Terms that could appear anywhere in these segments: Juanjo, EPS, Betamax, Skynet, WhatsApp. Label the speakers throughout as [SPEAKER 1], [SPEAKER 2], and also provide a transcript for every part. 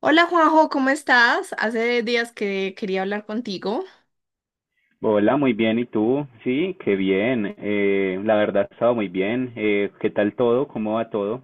[SPEAKER 1] Hola Juanjo, ¿cómo estás? Hace días que quería hablar contigo.
[SPEAKER 2] Hola, muy bien. ¿Y tú? Sí, qué bien. La verdad, ha estado muy bien. ¿Qué tal todo? ¿Cómo va todo?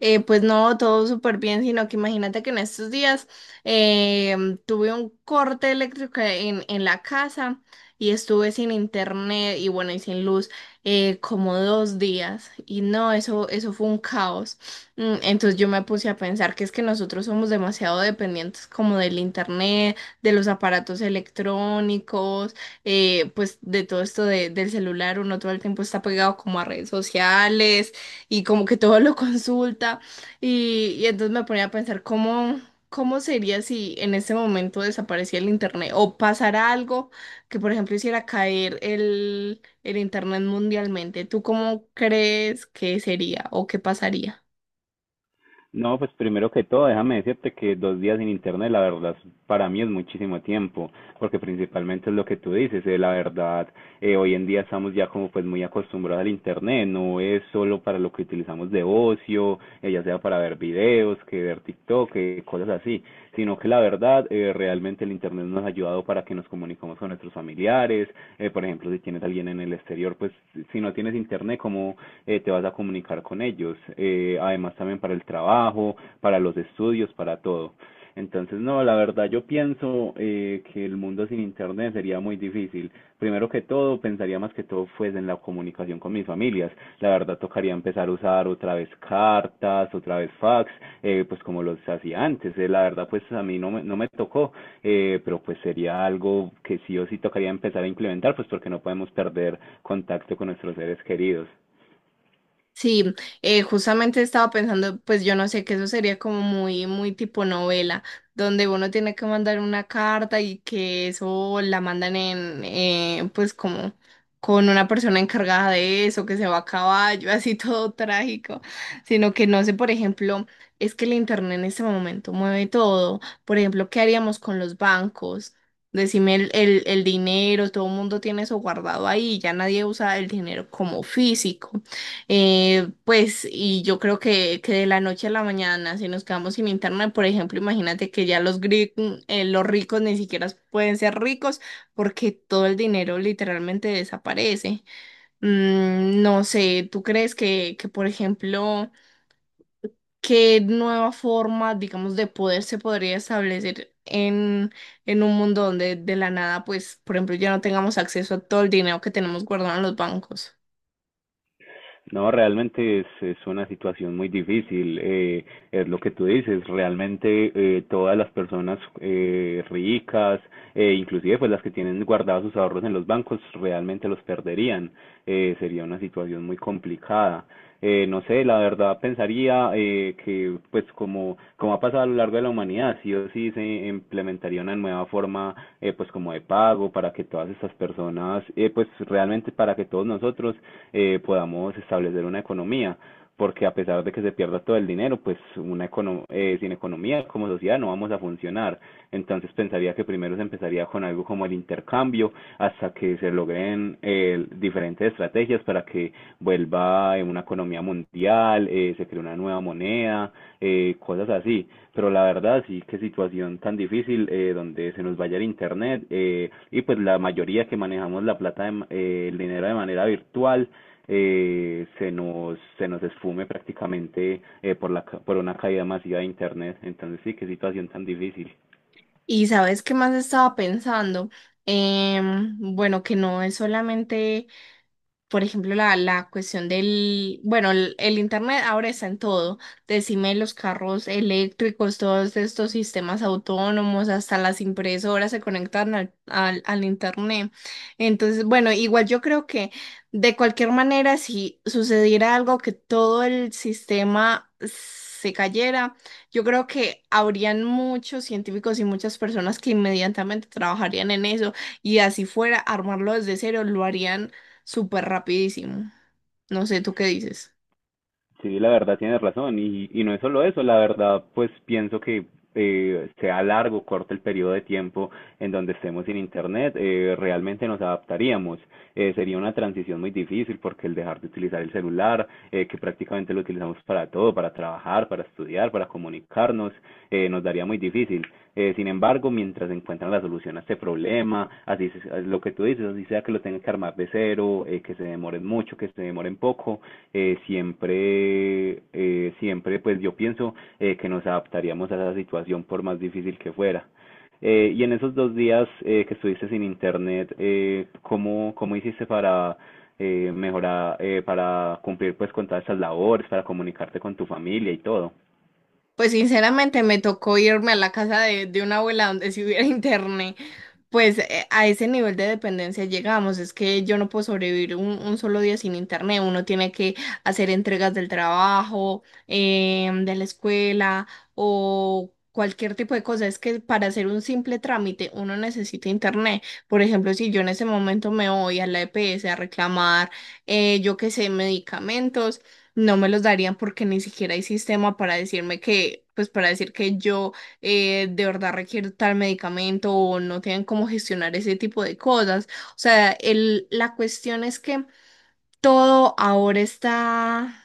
[SPEAKER 1] Pues no, todo súper bien, sino que imagínate que en estos días tuve un corte eléctrico en la casa y estuve sin internet y bueno, y sin luz, como dos días y no, eso fue un caos. Mm. Entonces yo me puse a pensar que es que nosotros somos demasiado dependientes como del internet, de los aparatos electrónicos, pues de todo esto del celular, uno todo el tiempo está pegado como a redes sociales y como que todo lo consulta y entonces me ponía a pensar cómo sería si en ese momento desapareciera el internet o pasara algo que por ejemplo hiciera caer el internet mundialmente. ¿Tú cómo crees que sería o qué pasaría?
[SPEAKER 2] No, pues primero que todo, déjame decirte que dos días sin internet, la verdad, para mí es muchísimo tiempo, porque principalmente es lo que tú dices, la verdad, hoy en día estamos ya como pues muy acostumbrados al internet, no es solo para lo que utilizamos de ocio, ya sea para ver videos, que ver TikTok, que cosas así, sino que la verdad, realmente el Internet nos ha ayudado para que nos comuniquemos con nuestros familiares, por ejemplo, si tienes a alguien en el exterior, pues si no tienes Internet, ¿cómo te vas a comunicar con ellos? Además también para el trabajo, para los estudios, para todo. Entonces, no, la verdad yo pienso que el mundo sin internet sería muy difícil. Primero que todo, pensaría más que todo fuese en la comunicación con mis familias. La verdad tocaría empezar a usar otra vez cartas, otra vez fax, pues como los hacía antes. La verdad pues a mí no me tocó, pero pues sería algo que sí o sí tocaría empezar a implementar, pues porque no podemos perder contacto con nuestros seres queridos.
[SPEAKER 1] Sí, justamente estaba pensando, pues yo no sé, que eso sería como muy, muy tipo novela, donde uno tiene que mandar una carta y que eso la mandan en, pues como con una persona encargada de eso, que se va a caballo, así todo trágico, sino que no sé, por ejemplo, es que el internet en este momento mueve todo, por ejemplo, ¿qué haríamos con los bancos? Decime el dinero, todo el mundo tiene eso guardado ahí, ya nadie usa el dinero como físico. Y yo creo que de la noche a la mañana, si nos quedamos sin internet, por ejemplo, imagínate que ya los ricos ni siquiera pueden ser ricos porque todo el dinero literalmente desaparece. Mm, no sé, ¿tú crees por ejemplo, qué nueva forma, digamos, de poder se podría establecer en un mundo donde de la nada, pues, por ejemplo, ya no tengamos acceso a todo el dinero que tenemos guardado en los bancos?
[SPEAKER 2] No, realmente es una situación muy difícil. Es lo que tú dices. Realmente, todas las personas ricas, inclusive pues las que tienen guardados sus ahorros en los bancos, realmente los perderían, sería una situación muy complicada. No sé, la verdad pensaría que, pues como, como ha pasado a lo largo de la humanidad, sí o sí se implementaría una nueva forma, pues como de pago para que todas estas personas, pues realmente para que todos nosotros podamos establecer una economía, porque a pesar de que se pierda todo el dinero, pues sin economía como sociedad no vamos a funcionar. Entonces pensaría que primero se empezaría con algo como el intercambio hasta que se logren diferentes estrategias para que vuelva una economía mundial, se cree una nueva moneda, cosas así. Pero la verdad sí que situación tan difícil, donde se nos vaya el internet, y pues la mayoría que manejamos la plata, el dinero de manera virtual se nos esfume prácticamente, por por una caída masiva de Internet. Entonces, sí, qué situación tan difícil.
[SPEAKER 1] Y sabes qué más estaba pensando. Bueno, que no es solamente, por ejemplo, la cuestión del, bueno, el internet ahora está en todo. Decime los carros eléctricos, todos estos sistemas autónomos, hasta las impresoras se conectan al internet. Entonces, bueno, igual yo creo que de cualquier manera, si sucediera algo que todo el sistema se cayera, yo creo que habrían muchos científicos y muchas personas que inmediatamente trabajarían en eso y así fuera, armarlo desde cero, lo harían súper rapidísimo. No sé, ¿tú qué dices?
[SPEAKER 2] Sí, la verdad tienes razón. Y no es solo eso, la verdad, pues pienso que sea largo o corto el periodo de tiempo en donde estemos sin Internet, realmente nos adaptaríamos. Sería una transición muy difícil porque el dejar de utilizar el celular, que prácticamente lo utilizamos para todo, para trabajar, para estudiar, para comunicarnos, nos daría muy difícil. Sin embargo, mientras encuentran la solución a este problema, así lo que tú dices, así sea que lo tengan que armar de cero, que se demoren mucho, que se demoren poco, siempre, pues yo pienso que nos adaptaríamos a esa situación por más difícil que fuera. Y en esos dos días que estuviste sin internet, ¿ cómo hiciste para mejorar, para cumplir pues con todas esas labores, para comunicarte con tu familia y todo?
[SPEAKER 1] Pues sinceramente me tocó irme a la casa de una abuela donde si hubiera internet. Pues a ese nivel de dependencia llegamos, es que yo no puedo sobrevivir un solo día sin internet, uno tiene que hacer entregas del trabajo, de la escuela o cualquier tipo de cosa, es que para hacer un simple trámite uno necesita internet. Por ejemplo, si yo en ese momento me voy a la EPS a reclamar, yo qué sé, medicamentos, no me los darían porque ni siquiera hay sistema para decirme que, pues para decir que yo de verdad requiere tal medicamento o no tienen cómo gestionar ese tipo de cosas. O sea, el, la cuestión es que todo ahora está,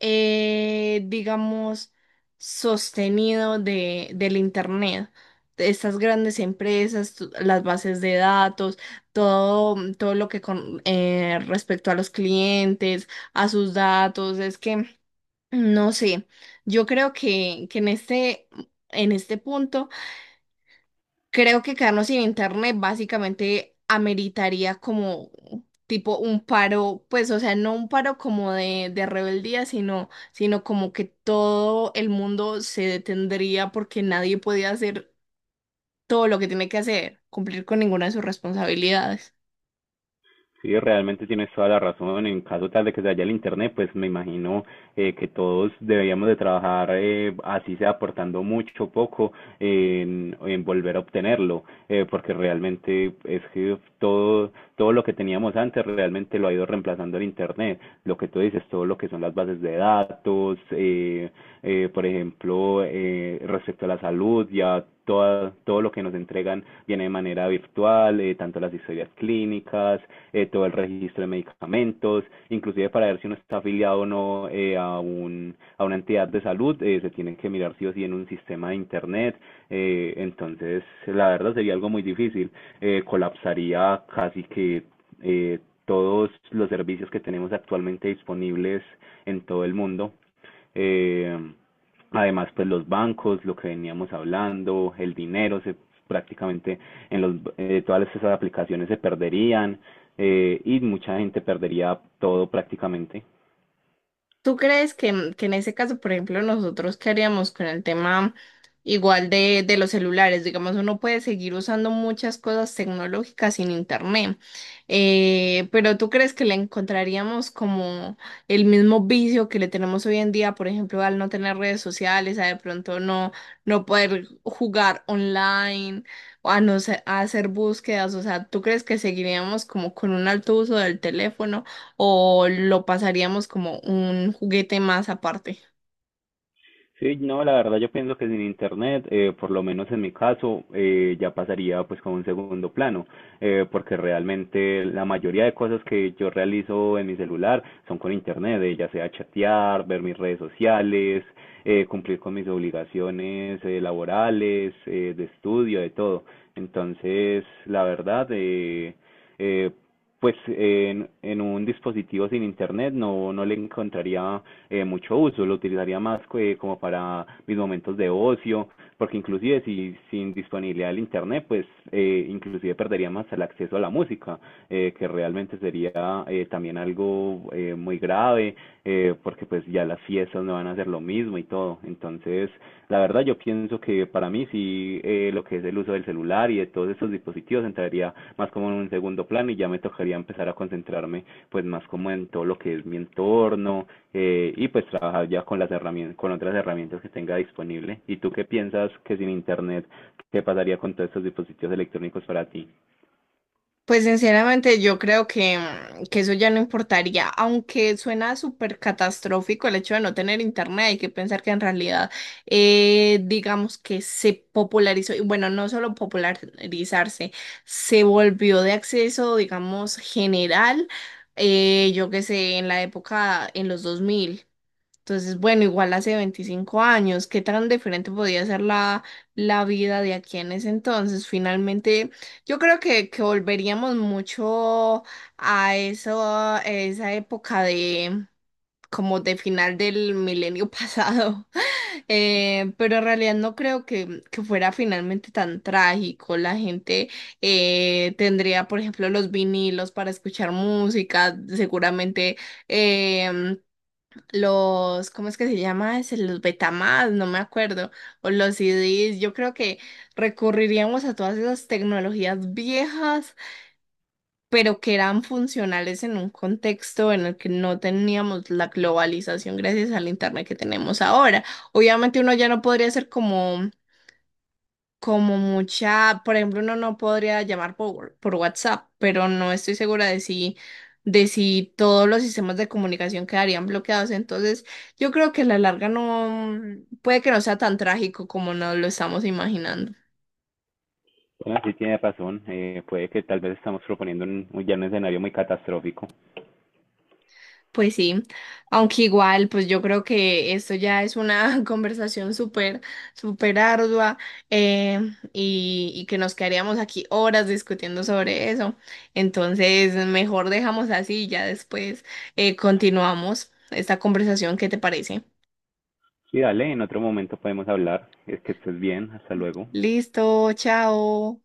[SPEAKER 1] digamos, sostenido del internet, de estas grandes empresas, las bases de datos, todo, todo lo que con respecto a los clientes, a sus datos, es que no sé, yo creo que en en este punto creo que quedarnos sin internet básicamente ameritaría como tipo un paro, pues, o sea, no un paro como de rebeldía, sino como que todo el mundo se detendría porque nadie podía hacer todo lo que tiene que hacer, cumplir con ninguna de sus responsabilidades.
[SPEAKER 2] Sí, realmente tienes toda la razón. En caso tal de que se vaya el internet, pues me imagino que todos deberíamos de trabajar así sea aportando mucho o poco en volver a obtenerlo, porque realmente es que todo lo que teníamos antes realmente lo ha ido reemplazando el internet. Lo que tú dices, todo lo que son las bases de datos, por ejemplo, respecto a la salud, ya todo lo que nos entregan viene de manera virtual, tanto las historias clínicas, todo el registro de medicamentos, inclusive para ver si uno está afiliado o no, a una entidad de salud, se tienen que mirar sí o sí en un sistema de Internet. Entonces la verdad sería algo muy difícil, colapsaría casi que eh, todos los servicios que tenemos actualmente disponibles en todo el mundo. Eh, Además, pues los bancos, lo que veníamos hablando, el dinero, prácticamente en los, todas esas aplicaciones se perderían, y mucha gente perdería todo prácticamente.
[SPEAKER 1] ¿Tú crees que, ¿en que en ese caso, por ejemplo, nosotros qué haríamos con el tema igual de los celulares? Digamos, uno puede seguir usando muchas cosas tecnológicas sin internet, pero ¿tú crees que le encontraríamos como el mismo vicio que le tenemos hoy en día, por ejemplo, al no tener redes sociales, a de pronto no poder jugar online, o a no se- a hacer búsquedas? O sea, ¿tú crees que seguiríamos como con un alto uso del teléfono o lo pasaríamos como un juguete más aparte?
[SPEAKER 2] Sí, no, la verdad yo pienso que sin internet, por lo menos en mi caso, ya pasaría pues como un segundo plano, porque realmente la mayoría de cosas que yo realizo en mi celular son con internet, ya sea chatear, ver mis redes sociales, cumplir con mis obligaciones, laborales, de estudio, de todo. Entonces, la verdad, eh, en un dispositivo sin internet no le encontraría mucho uso, lo utilizaría más como para mis momentos de ocio, porque inclusive si sin disponibilidad del internet, pues inclusive perdería más el acceso a la música, que realmente sería también algo muy grave, porque pues ya las fiestas me van a hacer lo mismo y todo. Entonces, la verdad yo pienso que para mí sí, lo que es el uso del celular y de todos estos dispositivos entraría más como en un segundo plano y ya me tocaría empezar a concentrarme pues más como en todo lo que es mi entorno, y pues trabajar ya con las herramientas, con otras herramientas que tenga disponible. ¿Y tú qué piensas que sin internet qué pasaría con todos estos dispositivos electrónicos para ti?
[SPEAKER 1] Pues sinceramente yo creo que, mm, que eso ya no importaría, aunque suena súper catastrófico el hecho de no tener internet, hay que pensar que en realidad digamos que se popularizó, y bueno, no solo popularizarse, se volvió de acceso, digamos, general, yo qué sé, en la época, en los 2000. Entonces, bueno, igual hace 25 años, ¿qué tan diferente podía ser la vida de aquí en ese entonces? Finalmente, yo creo que volveríamos mucho a eso, a esa época de como de final del milenio pasado. Pero en realidad no creo que fuera finalmente tan trágico. La gente tendría, por ejemplo, los vinilos para escuchar música, seguramente. em, los, ¿cómo es que se llama ese? Los Betamax, no me acuerdo, o los CD, yo creo que recurriríamos a todas esas tecnologías viejas, pero que eran funcionales en un contexto en el que no teníamos la globalización gracias al internet que tenemos ahora. Obviamente uno ya no podría ser como como mucha, por ejemplo, uno no podría llamar por WhatsApp, pero no estoy segura de si todos los sistemas de comunicación quedarían bloqueados. Entonces, yo creo que a la larga no, puede que no sea tan trágico como nos lo estamos imaginando.
[SPEAKER 2] Bueno, sí tienes razón, puede que tal vez estamos proponiendo un, ya un escenario muy catastrófico.
[SPEAKER 1] Pues sí, aunque igual, pues yo creo que esto ya es una conversación súper, súper ardua, eh, y que nos quedaríamos aquí horas discutiendo sobre eso. Entonces, mejor dejamos así y ya después continuamos esta conversación. ¿Qué te parece?
[SPEAKER 2] Sí, dale, en otro momento podemos hablar. Es que estés bien, hasta luego.
[SPEAKER 1] Listo, chao.